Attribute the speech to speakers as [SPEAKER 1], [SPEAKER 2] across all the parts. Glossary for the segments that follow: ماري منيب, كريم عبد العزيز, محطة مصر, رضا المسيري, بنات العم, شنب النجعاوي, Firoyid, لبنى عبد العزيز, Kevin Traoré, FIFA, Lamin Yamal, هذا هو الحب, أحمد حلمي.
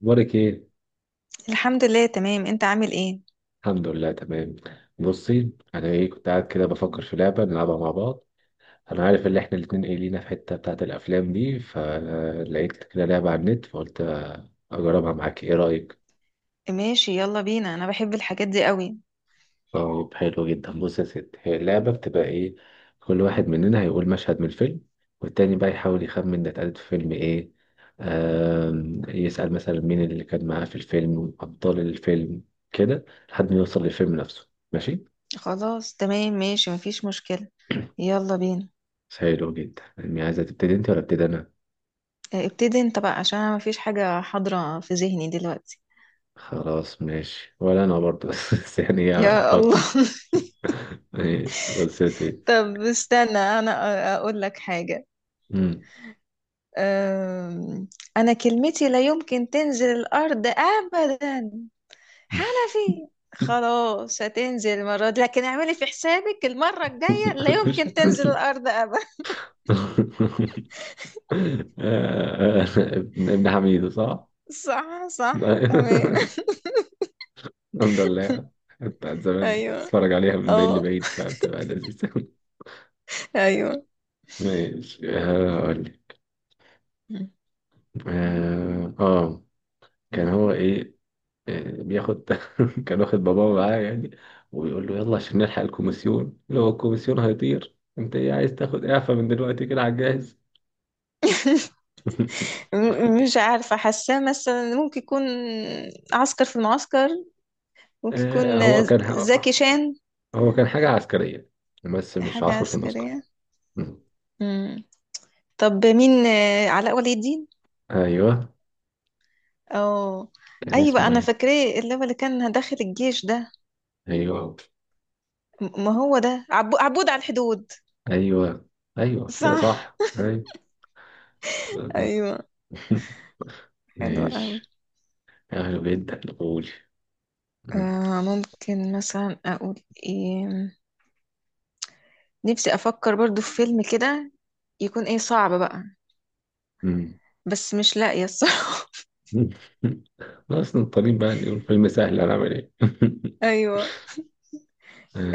[SPEAKER 1] بارك ايه.
[SPEAKER 2] الحمد لله، تمام. انت عامل ايه؟
[SPEAKER 1] الحمد لله تمام. بصي انا كنت قاعد كده بفكر في لعبه نلعبها مع بعض. انا عارف ان احنا الاتنين لينا في حته بتاعه الافلام دي، فلقيت كده لعبه على النت فقلت اجربها معاك. ايه رايك؟
[SPEAKER 2] ماشي، يلا بينا. انا بحب الحاجات دي قوي.
[SPEAKER 1] طب حلو جدا. بص يا ست، هي اللعبه بتبقى ايه. كل واحد مننا هيقول مشهد من الفيلم، والتاني بقى يحاول يخمن ده اتقالت في فيلم ايه. يسأل مثلا مين اللي كان معاه في الفيلم وأبطال الفيلم، كده لحد ما يوصل للفيلم نفسه. ماشي؟
[SPEAKER 2] خلاص، تمام، ماشي، مفيش مشكلة. يلا بينا.
[SPEAKER 1] حلو جدا. يعني عايزة تبتدي انت ولا ابتدي انا؟
[SPEAKER 2] اه، ابتدي انت بقى عشان انا مفيش حاجة حاضرة في ذهني دلوقتي.
[SPEAKER 1] خلاص ماشي، ولا انا برضه بس يعني
[SPEAKER 2] يا الله.
[SPEAKER 1] هفكر. ماشي بس يا سيدي.
[SPEAKER 2] طب استنى، انا اقول لك حاجة.
[SPEAKER 1] مم.
[SPEAKER 2] أم، انا كلمتي لا يمكن تنزل الارض ابدا. حنفي. خلاص، هتنزل المرة دي، لكن اعملي في حسابك المرة الجاية لا
[SPEAKER 1] مش
[SPEAKER 2] يمكن تنزل الارض ابدا.
[SPEAKER 1] آه، ابن حميد صح؟
[SPEAKER 2] صح، صح، تمام.
[SPEAKER 1] الحمد لله. بتاعت زمان دي،
[SPEAKER 2] ايوه،
[SPEAKER 1] بتتفرج عليها من بعيد
[SPEAKER 2] اه،
[SPEAKER 1] لبعيد فبتبقى لذيذة.
[SPEAKER 2] ايوه.
[SPEAKER 1] ماشي، اقول لك. اه، كان هو ايه، بياخد كان واخد باباه معاه يعني، وبيقول له يلا عشان نلحق الكوميسيون. لو الكوميسيون هيطير انت عايز تاخد اعفاء من دلوقتي كده على الجاهز.
[SPEAKER 2] مش عارفة، حاساه مثلا ممكن يكون عسكر في المعسكر. ممكن يكون
[SPEAKER 1] هو كان
[SPEAKER 2] زكي شان.
[SPEAKER 1] هو كان حاجة عسكرية، بس مش
[SPEAKER 2] حاجة
[SPEAKER 1] عسكر في المعسكر.
[SPEAKER 2] عسكرية.
[SPEAKER 1] مم.
[SPEAKER 2] مم. طب مين؟ علاء ولي الدين.
[SPEAKER 1] ايوه.
[SPEAKER 2] اه،
[SPEAKER 1] كان
[SPEAKER 2] ايوه،
[SPEAKER 1] اسمه
[SPEAKER 2] انا
[SPEAKER 1] ايه؟
[SPEAKER 2] فاكراه، اللي هو اللي كان داخل الجيش ده.
[SPEAKER 1] ايوه
[SPEAKER 2] ما هو ده عبو عبود على الحدود.
[SPEAKER 1] ايوه. ايوه كده
[SPEAKER 2] صح.
[SPEAKER 1] صح، ايوه. مم.
[SPEAKER 2] ايوه. حلو قوي.
[SPEAKER 1] ماشي. حلو جدا، قول. مم.
[SPEAKER 2] آه، ممكن مثلا اقول ايه؟ نفسي افكر برضو في فيلم كده يكون صعب بقى،
[SPEAKER 1] مم.
[SPEAKER 2] بس مش لاقية الصراحة.
[SPEAKER 1] خلاص نضطرين بقى نقول فيلم سهل، هنعمل ايه.
[SPEAKER 2] أيوة.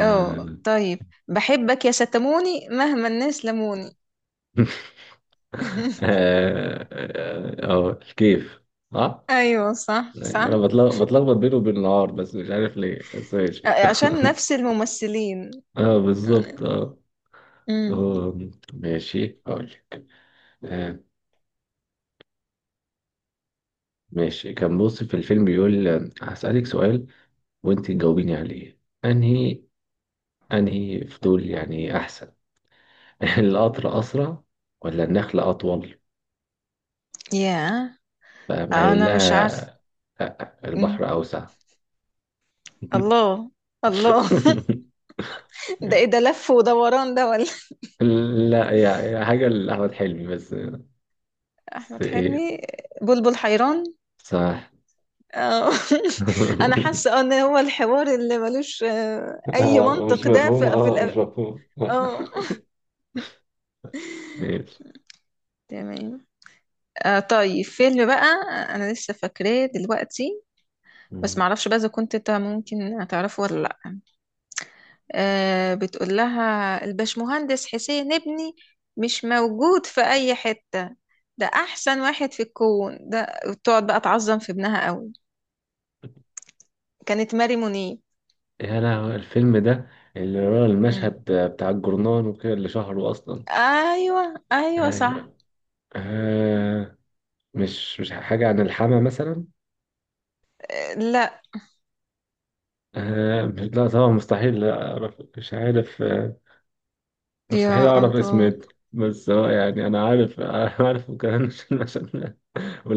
[SPEAKER 2] اه، طيب، بحبك يا شتموني مهما الناس لموني.
[SPEAKER 1] اه، الكيف. اه،
[SPEAKER 2] أيوة، صح، صح.
[SPEAKER 1] انا بتلخبط بينه وبين النهار بس مش عارف ليه، بس ماشي.
[SPEAKER 2] عشان نفس الممثلين
[SPEAKER 1] اه
[SPEAKER 2] يعني.
[SPEAKER 1] بالظبط، اه.
[SPEAKER 2] امم.
[SPEAKER 1] آه، ماشي هقول لك. آه، ماشي. كان بص في الفيلم بيقول هسألك سؤال وانت تجاوبيني عليه. انهي انهي فضول يعني احسن، القطر اسرع ولا النخل اطول؟
[SPEAKER 2] يا،
[SPEAKER 1] فقام قايل
[SPEAKER 2] أنا مش عارف.
[SPEAKER 1] لها، لا
[SPEAKER 2] مم.
[SPEAKER 1] البحر اوسع.
[SPEAKER 2] الله. الله. ده إيه ده، لف ودوران ده ولا؟
[SPEAKER 1] لا، يا حاجة لأحمد حلمي بس. بس
[SPEAKER 2] أحمد
[SPEAKER 1] إيه؟
[SPEAKER 2] حلمي. بلبل حيران.
[SPEAKER 1] صح.
[SPEAKER 2] اه. أنا حاسة إن هو الحوار اللي ملوش أي
[SPEAKER 1] آه مش
[SPEAKER 2] منطق ده،
[SPEAKER 1] مفهوم، اه مش مفهوم، آه.
[SPEAKER 2] اه.
[SPEAKER 1] ماشي.
[SPEAKER 2] تمام. آه، طيب فيلم بقى، انا لسه فاكراه دلوقتي، بس
[SPEAKER 1] مم.
[SPEAKER 2] معرفش بقى اذا كنت انت ممكن هتعرفه ولا لا. آه، بتقول لها الباشمهندس حسين ابني مش موجود في اي حتة، ده احسن واحد في الكون ده. تقعد بقى تعظم في ابنها قوي. كانت ماري منيب.
[SPEAKER 1] يا لهوي، الفيلم ده اللي ورا
[SPEAKER 2] مم.
[SPEAKER 1] المشهد بتاع الجرنان وكده اللي شهره أصلا؟
[SPEAKER 2] ايوه، ايوه، صح.
[SPEAKER 1] أيوه. آه. مش حاجة عن الحما مثلا؟
[SPEAKER 2] آه، لا.
[SPEAKER 1] آه مش، لا طبعا مستحيل أعرف، مش عارف، آه. مستحيل
[SPEAKER 2] يا
[SPEAKER 1] أعرف
[SPEAKER 2] الله.
[SPEAKER 1] اسمه. بس هو يعني أنا عارف عارف، كمان مش المشهد ده،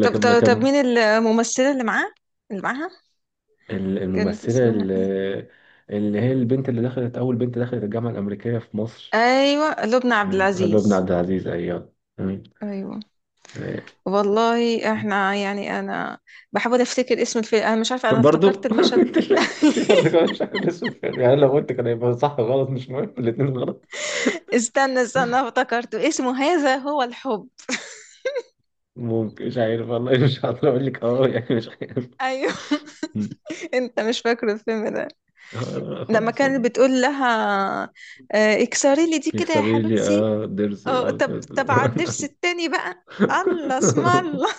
[SPEAKER 2] طب،
[SPEAKER 1] ما
[SPEAKER 2] طب، طب
[SPEAKER 1] كملتوش.
[SPEAKER 2] مين الممثلة اللي معاه، اللي معاها؟ كانت
[SPEAKER 1] الممثلة
[SPEAKER 2] اسمها
[SPEAKER 1] اللي،
[SPEAKER 2] ايه؟
[SPEAKER 1] اللي هي البنت اللي دخلت، أول بنت دخلت الجامعة الأمريكية في مصر.
[SPEAKER 2] ايوه، لبنى عبد
[SPEAKER 1] مم. لبنى
[SPEAKER 2] العزيز.
[SPEAKER 1] عبد العزيز، أيوه. مم.
[SPEAKER 2] ايوه.
[SPEAKER 1] آه.
[SPEAKER 2] والله احنا يعني، انا بحاول افتكر اسم الفيلم، انا مش عارفه، انا
[SPEAKER 1] برضو
[SPEAKER 2] افتكرت المشهد.
[SPEAKER 1] انت برضو كمان شكل اسود فيلم، يعني لو قلت كان هيبقى صح وغلط، مش مهم الاتنين غلط.
[SPEAKER 2] استنى، استنى، أنا افتكرته، اسمه هذا هو الحب.
[SPEAKER 1] ممكن، مش عارف والله، مش هقدر اقول لك، اه يعني مش عارف.
[SPEAKER 2] ايوه.
[SPEAKER 1] مم.
[SPEAKER 2] انت مش فاكره الفيلم ده؟
[SPEAKER 1] لا
[SPEAKER 2] لما
[SPEAKER 1] خالص
[SPEAKER 2] كانت
[SPEAKER 1] والله.
[SPEAKER 2] بتقول لها اكسري لي دي كده يا
[SPEAKER 1] يكسري لي
[SPEAKER 2] حبيبتي.
[SPEAKER 1] اه ضرسي
[SPEAKER 2] اه،
[SPEAKER 1] اه.
[SPEAKER 2] طب، طب على الضرس التاني بقى. الله، اسم الله.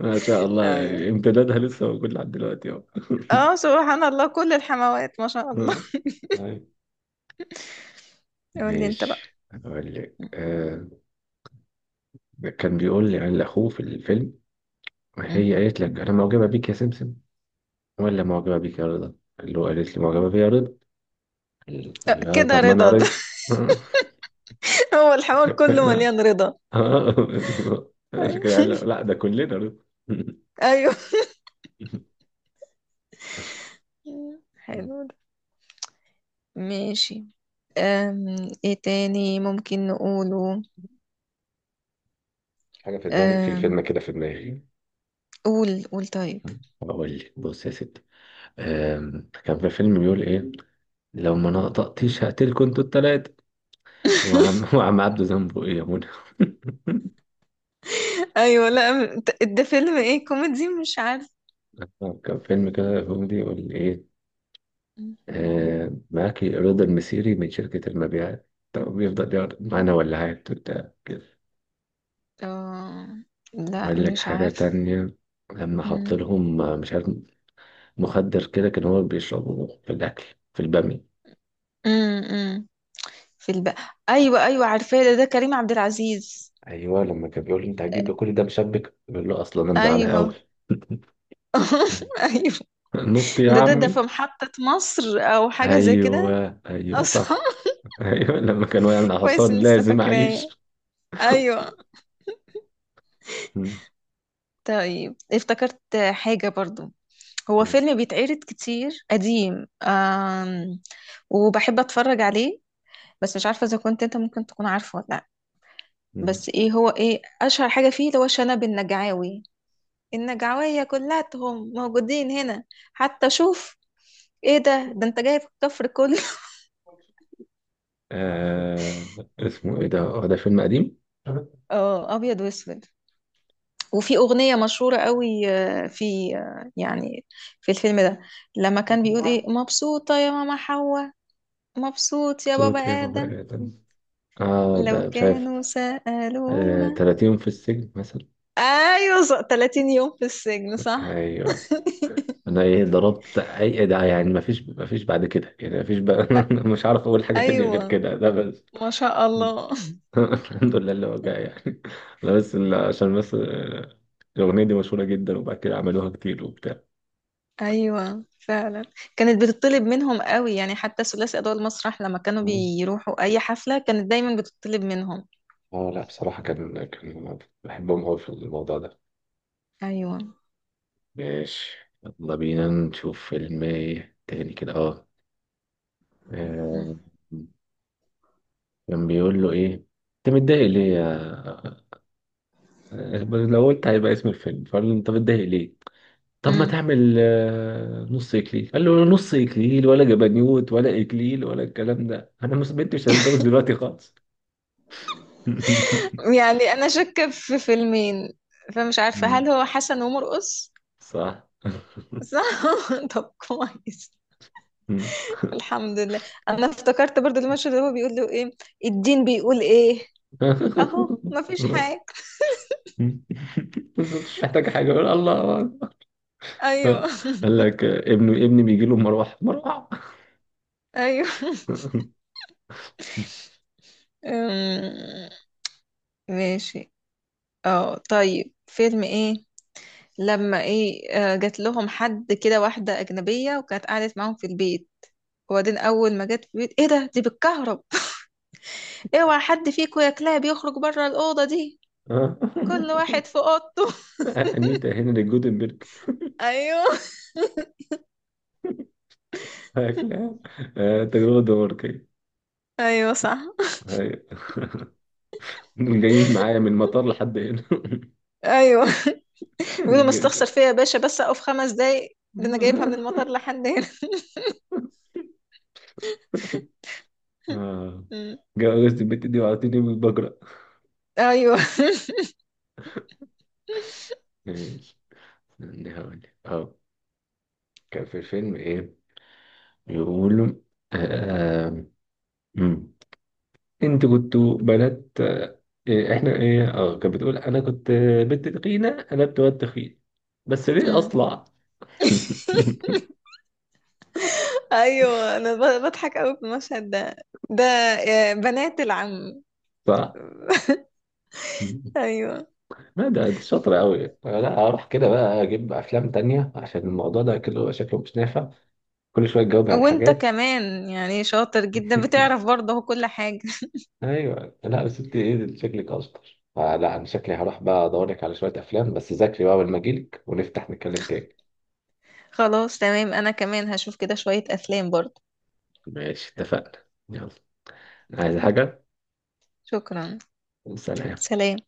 [SPEAKER 1] ما شاء الله،
[SPEAKER 2] ايوه.
[SPEAKER 1] يعني امتدادها لسه موجود لحد دلوقتي اهو.
[SPEAKER 2] اه، سبحان الله، كل الحموات ما شاء الله.
[SPEAKER 1] آه. أيوة.
[SPEAKER 2] قول لي انت بقى.
[SPEAKER 1] ماشي أقول لك، آه. كان بيقول لي عن أخوه في الفيلم،
[SPEAKER 2] مم.
[SPEAKER 1] هي قالت لك أنا معجبة بيك يا سمسم ولا معجبة بيك يا رضا. اللي هو قالت لي معجبة بيا يا رضا، قال لها
[SPEAKER 2] كده
[SPEAKER 1] طب ما أنا
[SPEAKER 2] رضا ده؟
[SPEAKER 1] رضا.
[SPEAKER 2] هو الحوار كله مليان رضا.
[SPEAKER 1] اه بالظبط. عشان
[SPEAKER 2] ايوه.
[SPEAKER 1] كده قال له، لا ده كلنا رضا.
[SPEAKER 2] أيوة. حلو ده. ماشي. أم... ايه تاني ممكن نقوله؟
[SPEAKER 1] حاجة في دماغي، في فيلم
[SPEAKER 2] أم...
[SPEAKER 1] كده في دماغي.
[SPEAKER 2] قول، قول طيب.
[SPEAKER 1] أقول لك، بص يا ستي، كان في فيلم بيقول إيه، لو ما نطقتيش هقتلكوا أنتوا التلاتة. وعم وعم عبده ذنبه ايه يا منى.
[SPEAKER 2] ايوه، لا، ده فيلم ايه؟ كوميدي؟ مش عارف.
[SPEAKER 1] كان فيلم كده كوميدي يقول ايه، آه معاكي رضا المسيري من شركة المبيعات. طب بيفضل يقعد معانا ولاعات وبتاع كده.
[SPEAKER 2] اه، لا،
[SPEAKER 1] وقال لك
[SPEAKER 2] مش
[SPEAKER 1] حاجة
[SPEAKER 2] عارف.
[SPEAKER 1] تانية، لما حط
[SPEAKER 2] مم.
[SPEAKER 1] لهم مش عارف، مخدر كده كان هو بيشربه في الأكل، في البامي.
[SPEAKER 2] مم. مم. في الب... ايوه، ايوه، عارفاه ده، ده كريم عبد العزيز.
[SPEAKER 1] أيوة. لما كان بيقول له أنت هتجيب كل ده مشبك، بيقول له أصلا أنا مزعلها
[SPEAKER 2] ايوه.
[SPEAKER 1] أوي.
[SPEAKER 2] ايوه.
[SPEAKER 1] نط يا
[SPEAKER 2] ده،
[SPEAKER 1] عمي.
[SPEAKER 2] في محطة مصر او حاجة زي كده
[SPEAKER 1] أيوة أيوة
[SPEAKER 2] اصلا.
[SPEAKER 1] صح. أيوة لما كان واقع من على
[SPEAKER 2] كويس
[SPEAKER 1] الحصان،
[SPEAKER 2] إني لسه
[SPEAKER 1] لازم
[SPEAKER 2] فاكراه.
[SPEAKER 1] أعيش.
[SPEAKER 2] ايوه. طيب، افتكرت حاجة برضو. هو
[SPEAKER 1] قول.
[SPEAKER 2] فيلم بيتعرض كتير، قديم، وبحب اتفرج عليه، بس مش عارفة اذا كنت انت ممكن تكون عارفه ولا لا.
[SPEAKER 1] مم.
[SPEAKER 2] بس ايه، هو ايه اشهر حاجة فيه، اللي هو شنب النجعاوي. النجعوية كلاتهم موجودين هنا. حتى شوف. ايه ده، ده انت جايب الكفر كله.
[SPEAKER 1] آه، اسمه ايه ده؟ اه ده فيلم قديم؟
[SPEAKER 2] اه، ابيض واسود. وفي اغنية مشهورة قوي، آه، في آه، يعني في الفيلم ده، لما كان بيقول ايه، مبسوطة يا ماما حواء، مبسوط يا بابا
[SPEAKER 1] صوت يا
[SPEAKER 2] آدم،
[SPEAKER 1] بابا آدم. اه
[SPEAKER 2] لو
[SPEAKER 1] ده مش عارف،
[SPEAKER 2] كانوا
[SPEAKER 1] آه
[SPEAKER 2] سألونا.
[SPEAKER 1] 30 يوم في السجن مثلا.
[SPEAKER 2] أيوة، 30 يوم في السجن، صح.
[SPEAKER 1] ايوه. انا ضربت اي، إيه ده يعني، ما فيش بعد كده يعني ما فيش بقى. مش عارف اقول حاجه تانية غير
[SPEAKER 2] أيوة.
[SPEAKER 1] كده، ده بس.
[SPEAKER 2] ما شاء الله.
[SPEAKER 1] الحمد لله، اللي هو جاي يعني. انا بس عشان بس، الاغنيه دي مشهوره جدا، وبعد كده عملوها كتير وبتاع.
[SPEAKER 2] أيوة فعلا. كانت بتطلب منهم قوي يعني، حتى ثلاثي أضواء المسرح لما كانوا
[SPEAKER 1] مم.
[SPEAKER 2] بيروحوا أي حفلة كانت دايما بتطلب منهم.
[SPEAKER 1] اه لا بصراحه، كان بحبهم قوي في الموضوع ده.
[SPEAKER 2] أيوة.
[SPEAKER 1] ماشي. يلا بينا نشوف فيلم ايه تاني، كده اه.
[SPEAKER 2] م-
[SPEAKER 1] آه، كان بيقول له ايه، انت متضايق ليه يا آه، لو قلت هيبقى اسم الفيلم. فقال له انت متضايق ليه، طب ما
[SPEAKER 2] م.
[SPEAKER 1] تعمل نص اكليل، قال له نص اكليل ولا جبنيوت ولا اكليل، ولا الكلام ده انا بنتي مش هتتجوز دلوقتي خالص.
[SPEAKER 2] يعني أنا شاكة في فيلمين، فمش عارفة هل
[SPEAKER 1] مم.
[SPEAKER 2] هو حسن ومرقص؟
[SPEAKER 1] صح.
[SPEAKER 2] صح. طب كويس،
[SPEAKER 1] مم.
[SPEAKER 2] الحمد لله. انا افتكرت برضو المشهد اللي هو بيقول له ايه، الدين بيقول ايه، اهو مفيش حاجة.
[SPEAKER 1] بالظبط، مش محتاجة حاجة، يقول الله.
[SPEAKER 2] ايوه.
[SPEAKER 1] قال لك ابنه ابني بيجي له، مروحه مروحه.
[SPEAKER 2] ايوه. أم، ماشي. اه، طيب فيلم ايه، لما ايه، جات لهم حد كده، واحدة أجنبية، وكانت قعدت معاهم في البيت، وبعدين أول ما جت في البيت، ايه ده، دي بتكهرب، اوعى حد فيكم يا كلاب يخرج بره الأوضة دي، كل واحد في أوضته.
[SPEAKER 1] انيتا هنري جوتنبرج،
[SPEAKER 2] ايوه،
[SPEAKER 1] هاكلها. تجربه دنماركيه.
[SPEAKER 2] ايوه، صح.
[SPEAKER 1] أيوة. دول جايين معايا من المطار لحد هنا.
[SPEAKER 2] ايوه، يقولوا
[SPEAKER 1] ج- ج-
[SPEAKER 2] مستخسر فيا يا باشا؟ بس أقف خمس دقايق، ده أنا جايبها من المطار لحد هنا.
[SPEAKER 1] آه.
[SPEAKER 2] أمم.
[SPEAKER 1] جوزت البت دي وعطيتني بالبجرة.
[SPEAKER 2] أيوه.
[SPEAKER 1] ماشي. استنى هقول لك. اه، كان في الفيلم ايه، يقولوا آه. انت كنتوا بنات، إيه، احنا ايه، اه كانت بتقول انا كنت بنت تخينه، انا بنت واد تخين، بس ليه
[SPEAKER 2] أمم.
[SPEAKER 1] اصلع.
[SPEAKER 2] أيوه، بضحك أوي في المشهد ده، ده بنات العم.
[SPEAKER 1] صح.
[SPEAKER 2] أيوه.
[SPEAKER 1] لا ده انت شاطره قوي. لا اروح كده بقى اجيب افلام تانية، عشان الموضوع ده كله شكله مش نافع، كل شويه تجاوبي على
[SPEAKER 2] وانت
[SPEAKER 1] الحاجات.
[SPEAKER 2] كمان يعني شاطر جدا، بتعرف برضه هو كل حاجة.
[SPEAKER 1] ايوه لا بس انت ايه ده، شكلك اشطر، فلا انا شكلي هروح بقى ادور لك على شويه افلام، بس ذاكري بقى لما اجيلك ونفتح نتكلم تاني.
[SPEAKER 2] خلاص تمام، انا كمان هشوف كده شوية افلام برضه.
[SPEAKER 1] ماشي اتفقنا. يلا. عايز حاجه.
[SPEAKER 2] شكرا.
[SPEAKER 1] سلام.
[SPEAKER 2] سلام.